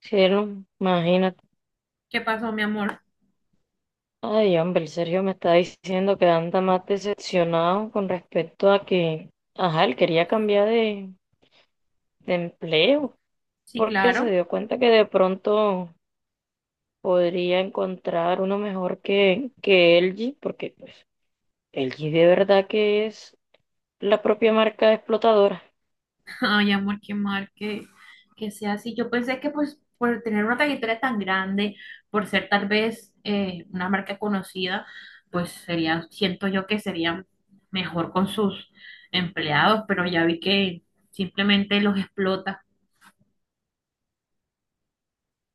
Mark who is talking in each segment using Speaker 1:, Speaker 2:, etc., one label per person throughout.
Speaker 1: Cielo, imagínate.
Speaker 2: ¿Qué pasó, mi amor?
Speaker 1: Ay, hombre, el Sergio me está diciendo que anda más decepcionado con respecto a que, ajá, él quería cambiar de empleo
Speaker 2: Sí,
Speaker 1: porque se
Speaker 2: claro.
Speaker 1: dio cuenta que de pronto podría encontrar uno mejor que LG, porque pues LG de verdad que es la propia marca explotadora.
Speaker 2: Ay, amor, qué mal que sea así. Yo pensé que pues por tener una trayectoria tan grande, por ser tal vez una marca conocida, pues sería, siento yo que sería mejor con sus empleados, pero ya vi que simplemente los explota.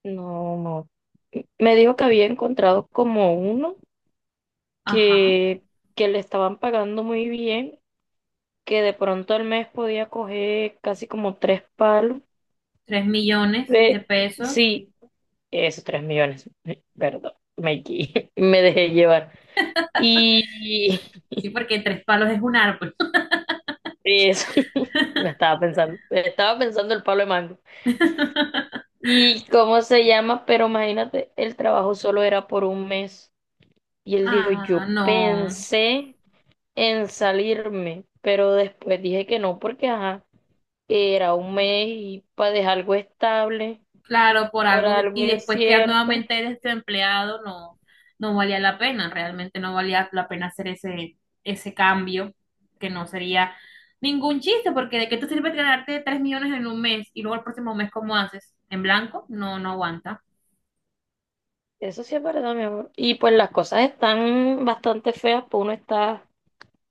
Speaker 1: No, no. Me dijo que había encontrado como uno
Speaker 2: Ajá,
Speaker 1: que, que le estaban pagando muy bien que de pronto al mes podía coger casi como tres palos.
Speaker 2: tres millones de
Speaker 1: Eh,
Speaker 2: pesos.
Speaker 1: sí, eso, 3 millones, perdón, me equivoqué, me dejé llevar. Y
Speaker 2: Sí, porque tres palos es un árbol.
Speaker 1: eso, lo estaba pensando el palo de mango. ¿Y cómo se llama? Pero imagínate, el trabajo solo era por un mes. Y él dijo,
Speaker 2: Ah,
Speaker 1: yo
Speaker 2: no.
Speaker 1: pensé en salirme, pero después dije que no, porque ajá, era un mes y para dejar algo estable.
Speaker 2: Claro, por
Speaker 1: Por
Speaker 2: algo que,
Speaker 1: algo
Speaker 2: y después quedar
Speaker 1: incierto.
Speaker 2: nuevamente desempleado no, no valía la pena, realmente no valía la pena hacer ese cambio, que no sería ningún chiste, porque de qué te sirve ganarte 3 millones en un mes y luego el próximo mes, ¿cómo haces? ¿En blanco? No, no aguanta.
Speaker 1: Eso sí es verdad, mi amor. Y pues las cosas están bastante feas, pues uno está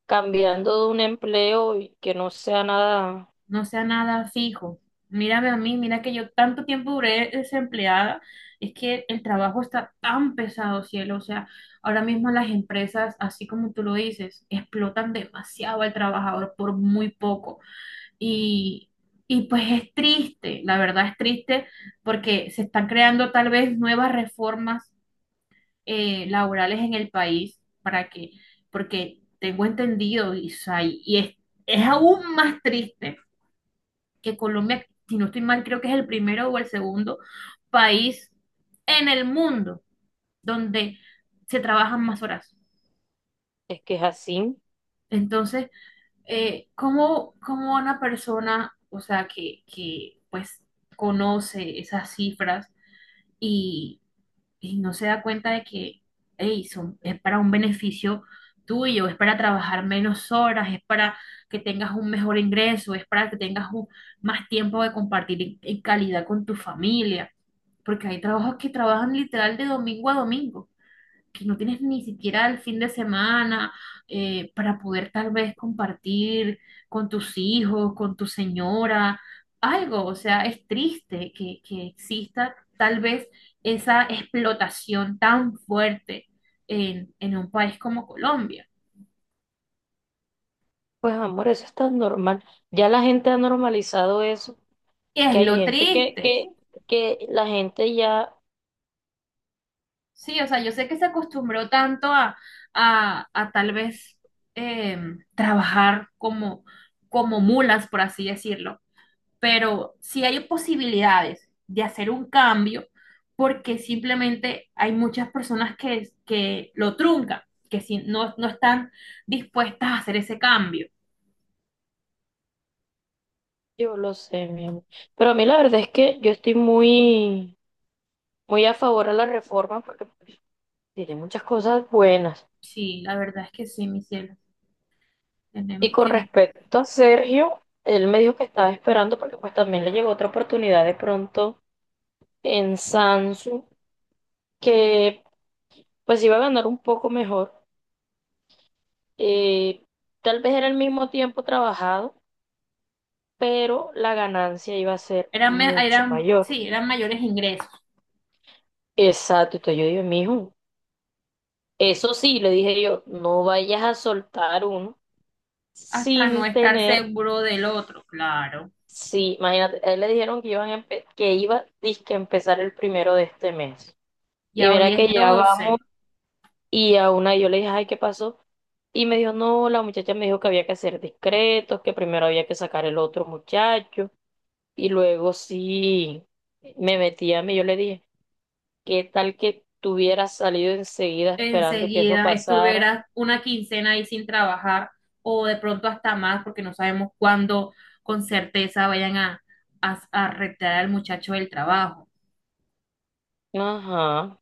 Speaker 1: cambiando de un empleo y que no sea nada,
Speaker 2: No sea nada fijo. Mírame a mí, mira que yo tanto tiempo duré desempleada. Es que el trabajo está tan pesado, cielo. O sea, ahora mismo las empresas, así como tú lo dices, explotan demasiado al trabajador por muy poco. Y, y pues es triste, la verdad es triste porque se están creando tal vez nuevas reformas laborales en el país para que, porque tengo entendido, Isai, y es aún más triste que Colombia, si no estoy mal, creo que es el primero o el segundo país en el mundo donde se trabajan más horas.
Speaker 1: es que es así.
Speaker 2: Entonces, ¿cómo, cómo una persona, o sea, que pues conoce esas cifras y, y no se da cuenta de que, hey, son, es para un beneficio tuyo, es para trabajar menos horas, es para que tengas un mejor ingreso, es para que tengas un- más tiempo de compartir en calidad con tu familia? Porque hay trabajos que trabajan literal de domingo a domingo, que no tienes ni siquiera el fin de semana para poder tal vez compartir con tus hijos, con tu señora, algo. O sea, es triste que exista tal vez esa explotación tan fuerte en un país como Colombia.
Speaker 1: Pues amor, eso está normal. Ya la gente ha normalizado eso,
Speaker 2: Es
Speaker 1: que hay
Speaker 2: lo
Speaker 1: gente
Speaker 2: triste.
Speaker 1: que la gente ya,
Speaker 2: Sí, o sea, yo sé que se acostumbró tanto a, a tal vez eh, trabajar como mulas, por así decirlo, pero sí hay posibilidades de hacer un cambio porque simplemente hay muchas personas que lo truncan, que si no, no están dispuestas a hacer ese cambio.
Speaker 1: yo lo sé, mi amor. Pero a mí la verdad es que yo estoy muy, muy a favor a la reforma porque pues, tiene muchas cosas buenas.
Speaker 2: Sí, la verdad es que sí, mi cielo,
Speaker 1: Y
Speaker 2: tenemos
Speaker 1: con
Speaker 2: que...
Speaker 1: respecto a Sergio, él me dijo que estaba esperando porque pues también le llegó otra oportunidad de pronto en Samsung, que pues iba a ganar un poco mejor. Eh, tal vez era el mismo tiempo trabajado, pero la ganancia iba a ser
Speaker 2: Eran,
Speaker 1: mucho
Speaker 2: eran,
Speaker 1: mayor.
Speaker 2: sí, eran mayores ingresos,
Speaker 1: Exacto, entonces yo dije, mijo, eso sí, le dije yo, no vayas a soltar uno
Speaker 2: hasta no
Speaker 1: sin
Speaker 2: estar
Speaker 1: tener,
Speaker 2: seguro del otro, claro.
Speaker 1: sí, imagínate, a él le dijeron que iban a que iba, dizque, a empezar el primero de este mes. Y
Speaker 2: Ya hoy
Speaker 1: mira que
Speaker 2: es
Speaker 1: ya vamos
Speaker 2: 12.
Speaker 1: y a una yo le dije, ay, ¿qué pasó? Y me dijo, no, la muchacha me dijo que había que ser discretos, que primero había que sacar el otro muchacho. Y luego sí me metí a mí, yo le dije, ¿qué tal que tú hubieras salido enseguida esperando que eso
Speaker 2: Enseguida
Speaker 1: pasara?
Speaker 2: estuvieras una quincena ahí sin trabajar o de pronto hasta más porque no sabemos cuándo con certeza vayan a retirar al muchacho del trabajo.
Speaker 1: Ajá,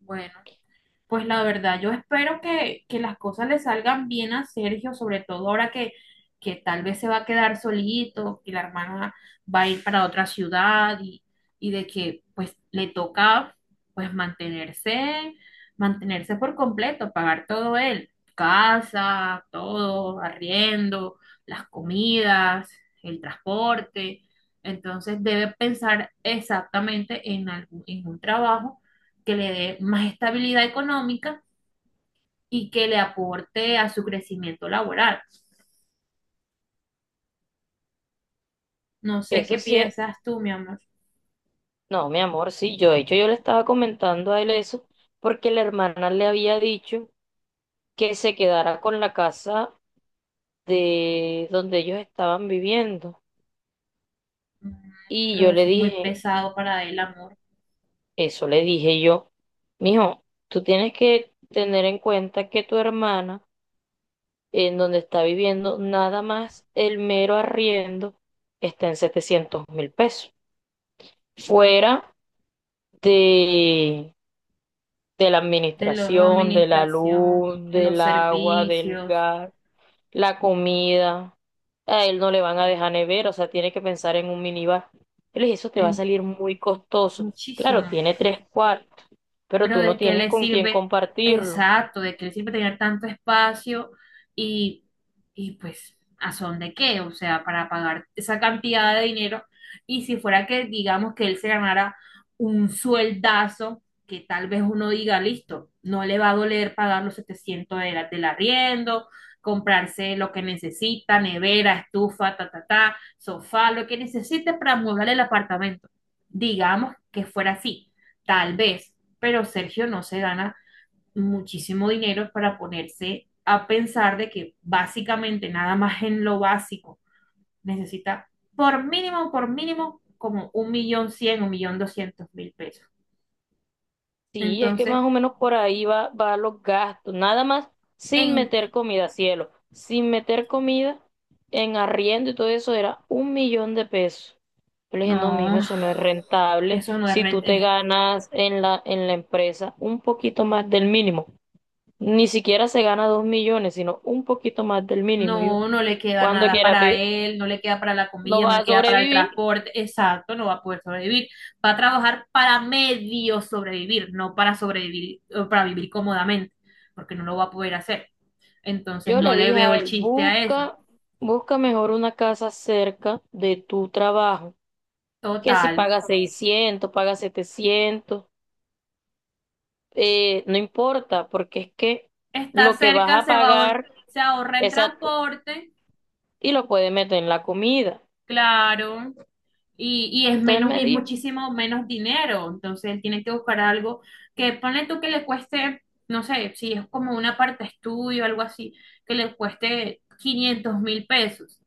Speaker 2: Bueno. Pues la verdad, yo espero que las cosas le salgan bien a Sergio, sobre todo ahora que tal vez se va a quedar solito, que la hermana va a ir para otra ciudad y de que pues le toca pues mantenerse, mantenerse por completo, pagar todo él, casa, todo, arriendo, las comidas, el transporte. Entonces debe pensar exactamente en en un trabajo que le dé más estabilidad económica y que le aporte a su crecimiento laboral. No sé
Speaker 1: eso
Speaker 2: qué
Speaker 1: sí es,
Speaker 2: piensas tú, mi amor,
Speaker 1: no, mi amor, sí, yo de hecho yo le estaba comentando a él eso porque la hermana le había dicho que se quedara con la casa de donde ellos estaban viviendo. Y
Speaker 2: pero
Speaker 1: yo le
Speaker 2: eso es muy
Speaker 1: dije,
Speaker 2: pesado para el amor
Speaker 1: eso le dije yo, mijo, tú tienes que tener en cuenta que tu hermana, en donde está viviendo, nada más el mero arriendo está en 700.000 pesos. Fuera de, de la
Speaker 2: de la
Speaker 1: administración, de la
Speaker 2: administración,
Speaker 1: luz,
Speaker 2: en los
Speaker 1: del agua, del
Speaker 2: servicios,
Speaker 1: gas, la comida. A él no le van a dejar nevera, o sea, tiene que pensar en un minibar. Yo le dije, eso te va a
Speaker 2: en
Speaker 1: salir muy costoso. Claro,
Speaker 2: muchísimo.
Speaker 1: tiene tres cuartos, pero
Speaker 2: Pero
Speaker 1: tú no
Speaker 2: ¿de qué
Speaker 1: tienes
Speaker 2: le
Speaker 1: con quién
Speaker 2: sirve?
Speaker 1: compartirlo.
Speaker 2: Exacto, ¿de qué le sirve tener tanto espacio y, y pues a son de qué? O sea, para pagar esa cantidad de dinero. Y si fuera que digamos que él se ganara un sueldazo, que tal vez uno diga, listo, no le va a doler pagar los 700 del arriendo, comprarse lo que necesita, nevera, estufa, ta, ta, ta, sofá, lo que necesite para amueblar el apartamento. Digamos que fuera así, tal vez pero Sergio no se gana muchísimo dinero para ponerse a pensar de que básicamente nada más en lo básico necesita por mínimo, como 1.100.000, 1.200.000 pesos.
Speaker 1: Sí, es que
Speaker 2: Entonces,
Speaker 1: más o menos por ahí va, va los gastos, nada más sin
Speaker 2: en
Speaker 1: meter comida, cielo, sin meter comida en arriendo y todo eso era 1 millón de pesos. Yo le dije, no, mijo,
Speaker 2: no,
Speaker 1: eso no es rentable.
Speaker 2: eso no es
Speaker 1: Si tú
Speaker 2: renta,
Speaker 1: te ganas en la empresa un poquito más del mínimo, ni siquiera se gana 2 millones, sino un poquito más del mínimo. Yo,
Speaker 2: no, no le queda
Speaker 1: cuando
Speaker 2: nada
Speaker 1: quiera,
Speaker 2: para él, no le queda para la
Speaker 1: no
Speaker 2: comida, no
Speaker 1: vas
Speaker 2: le
Speaker 1: a
Speaker 2: queda para el
Speaker 1: sobrevivir.
Speaker 2: transporte, exacto, no va a poder sobrevivir. Va a trabajar para medio sobrevivir, no para sobrevivir, para vivir cómodamente, porque no lo va a poder hacer. Entonces
Speaker 1: Yo
Speaker 2: no
Speaker 1: le
Speaker 2: le
Speaker 1: dije
Speaker 2: veo
Speaker 1: a
Speaker 2: el
Speaker 1: él,
Speaker 2: chiste a eso.
Speaker 1: busca, busca mejor una casa cerca de tu trabajo. Que si
Speaker 2: Total.
Speaker 1: paga 600 paga 700, no importa, porque es que
Speaker 2: Está
Speaker 1: lo que vas
Speaker 2: cerca,
Speaker 1: a
Speaker 2: se va a
Speaker 1: pagar,
Speaker 2: se ahorra en
Speaker 1: exacto,
Speaker 2: transporte,
Speaker 1: y lo puedes meter en la comida.
Speaker 2: claro, y es
Speaker 1: Entonces él
Speaker 2: menos,
Speaker 1: me
Speaker 2: y es
Speaker 1: dijo,
Speaker 2: muchísimo menos dinero. Entonces él tiene que buscar algo que ponle tú que le cueste, no sé, si es como una parte estudio, algo así, que le cueste 500.000 pesos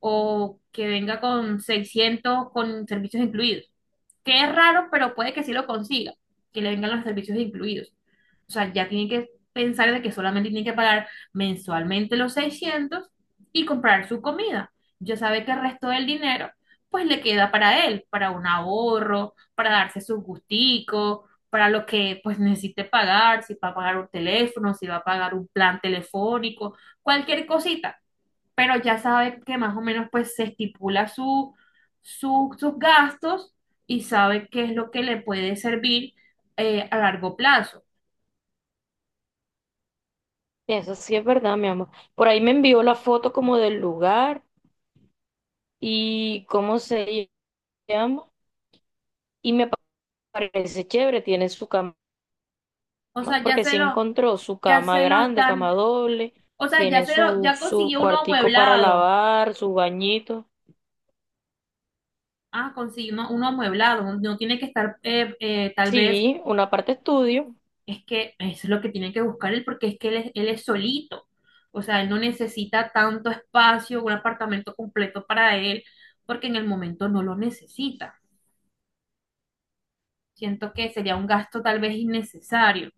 Speaker 2: o que venga con 600 con servicios incluidos. Que es raro, pero puede que sí lo consiga, que le vengan los servicios incluidos. O sea, ya tienen que pensar de que solamente tienen que pagar mensualmente los 600 y comprar su comida. Ya sabe que el resto del dinero, pues le queda para él, para un ahorro, para darse su gustico, para lo que pues necesite pagar, si va a pagar un teléfono, si va a pagar un plan telefónico, cualquier cosita pero ya sabe que más o menos pues se estipula su, sus gastos y sabe qué es lo que le puede servir a largo plazo.
Speaker 1: eso sí es verdad, mi amor. Por ahí me envió la foto como del lugar y cómo se llama. Y me parece chévere, tiene su cama,
Speaker 2: O sea, ya
Speaker 1: porque
Speaker 2: se
Speaker 1: sí
Speaker 2: lo,
Speaker 1: encontró su
Speaker 2: ya
Speaker 1: cama
Speaker 2: se lo
Speaker 1: grande,
Speaker 2: están,
Speaker 1: cama doble,
Speaker 2: o sea,
Speaker 1: tiene su,
Speaker 2: ya
Speaker 1: su
Speaker 2: consiguió uno
Speaker 1: cuartico para
Speaker 2: amueblado.
Speaker 1: lavar, su bañito.
Speaker 2: Ah, consiguió uno amueblado. No, no tiene que estar, tal vez,
Speaker 1: Sí, una parte estudio,
Speaker 2: es que es lo que tiene que buscar él, porque es que él es solito. O sea, él no necesita tanto espacio, un apartamento completo para él, porque en el momento no lo necesita. Siento que sería un gasto tal vez innecesario,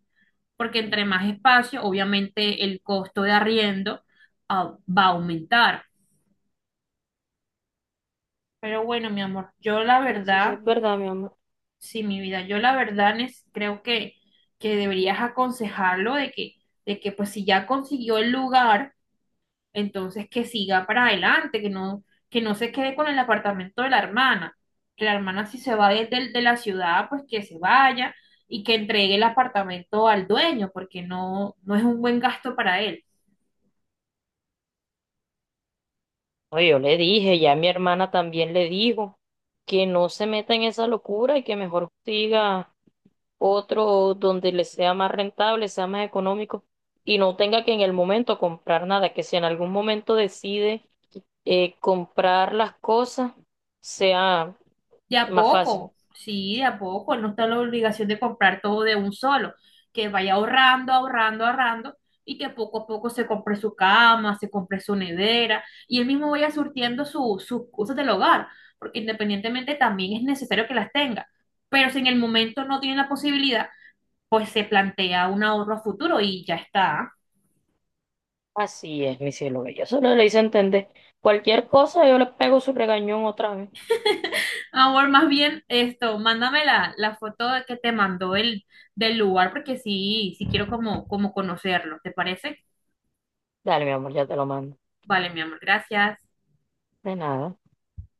Speaker 2: porque entre más espacio, obviamente el costo de arriendo, ah, va a aumentar. Pero bueno, mi amor, yo la
Speaker 1: eso sí
Speaker 2: verdad,
Speaker 1: es verdad, mi amor.
Speaker 2: sí, mi vida, yo la verdad creo que deberías aconsejarlo de que pues si ya consiguió el lugar, entonces, que siga para adelante, que no se quede con el apartamento de la hermana. Que la hermana, si se va de la ciudad, pues que se vaya y que entregue el apartamento al dueño, porque no, no es un buen gasto para él.
Speaker 1: No, yo le dije, ya mi hermana también le dijo que no se meta en esa locura y que mejor siga otro donde le sea más rentable, sea más económico y no tenga que en el momento comprar nada, que si en algún momento decide comprar las cosas, sea
Speaker 2: De a
Speaker 1: más fácil.
Speaker 2: poco, sí, de a poco. Él no está en la obligación de comprar todo de un solo. Que vaya ahorrando, ahorrando, ahorrando y que poco a poco se compre su cama, se compre su nevera y él mismo vaya surtiendo sus cosas del hogar, porque independientemente también es necesario que las tenga. Pero si en el momento no tiene la posibilidad, pues se plantea un ahorro a futuro y ya está.
Speaker 1: Así es, mi cielo bello. Solo le hice entender. Cualquier cosa, yo le pego su regañón otra vez.
Speaker 2: Ahora más bien esto, mándame la foto que te mandó del lugar porque sí, sí quiero como conocerlo, ¿te parece?
Speaker 1: Dale, mi amor, ya te lo mando.
Speaker 2: Vale, mi amor, gracias.
Speaker 1: De nada.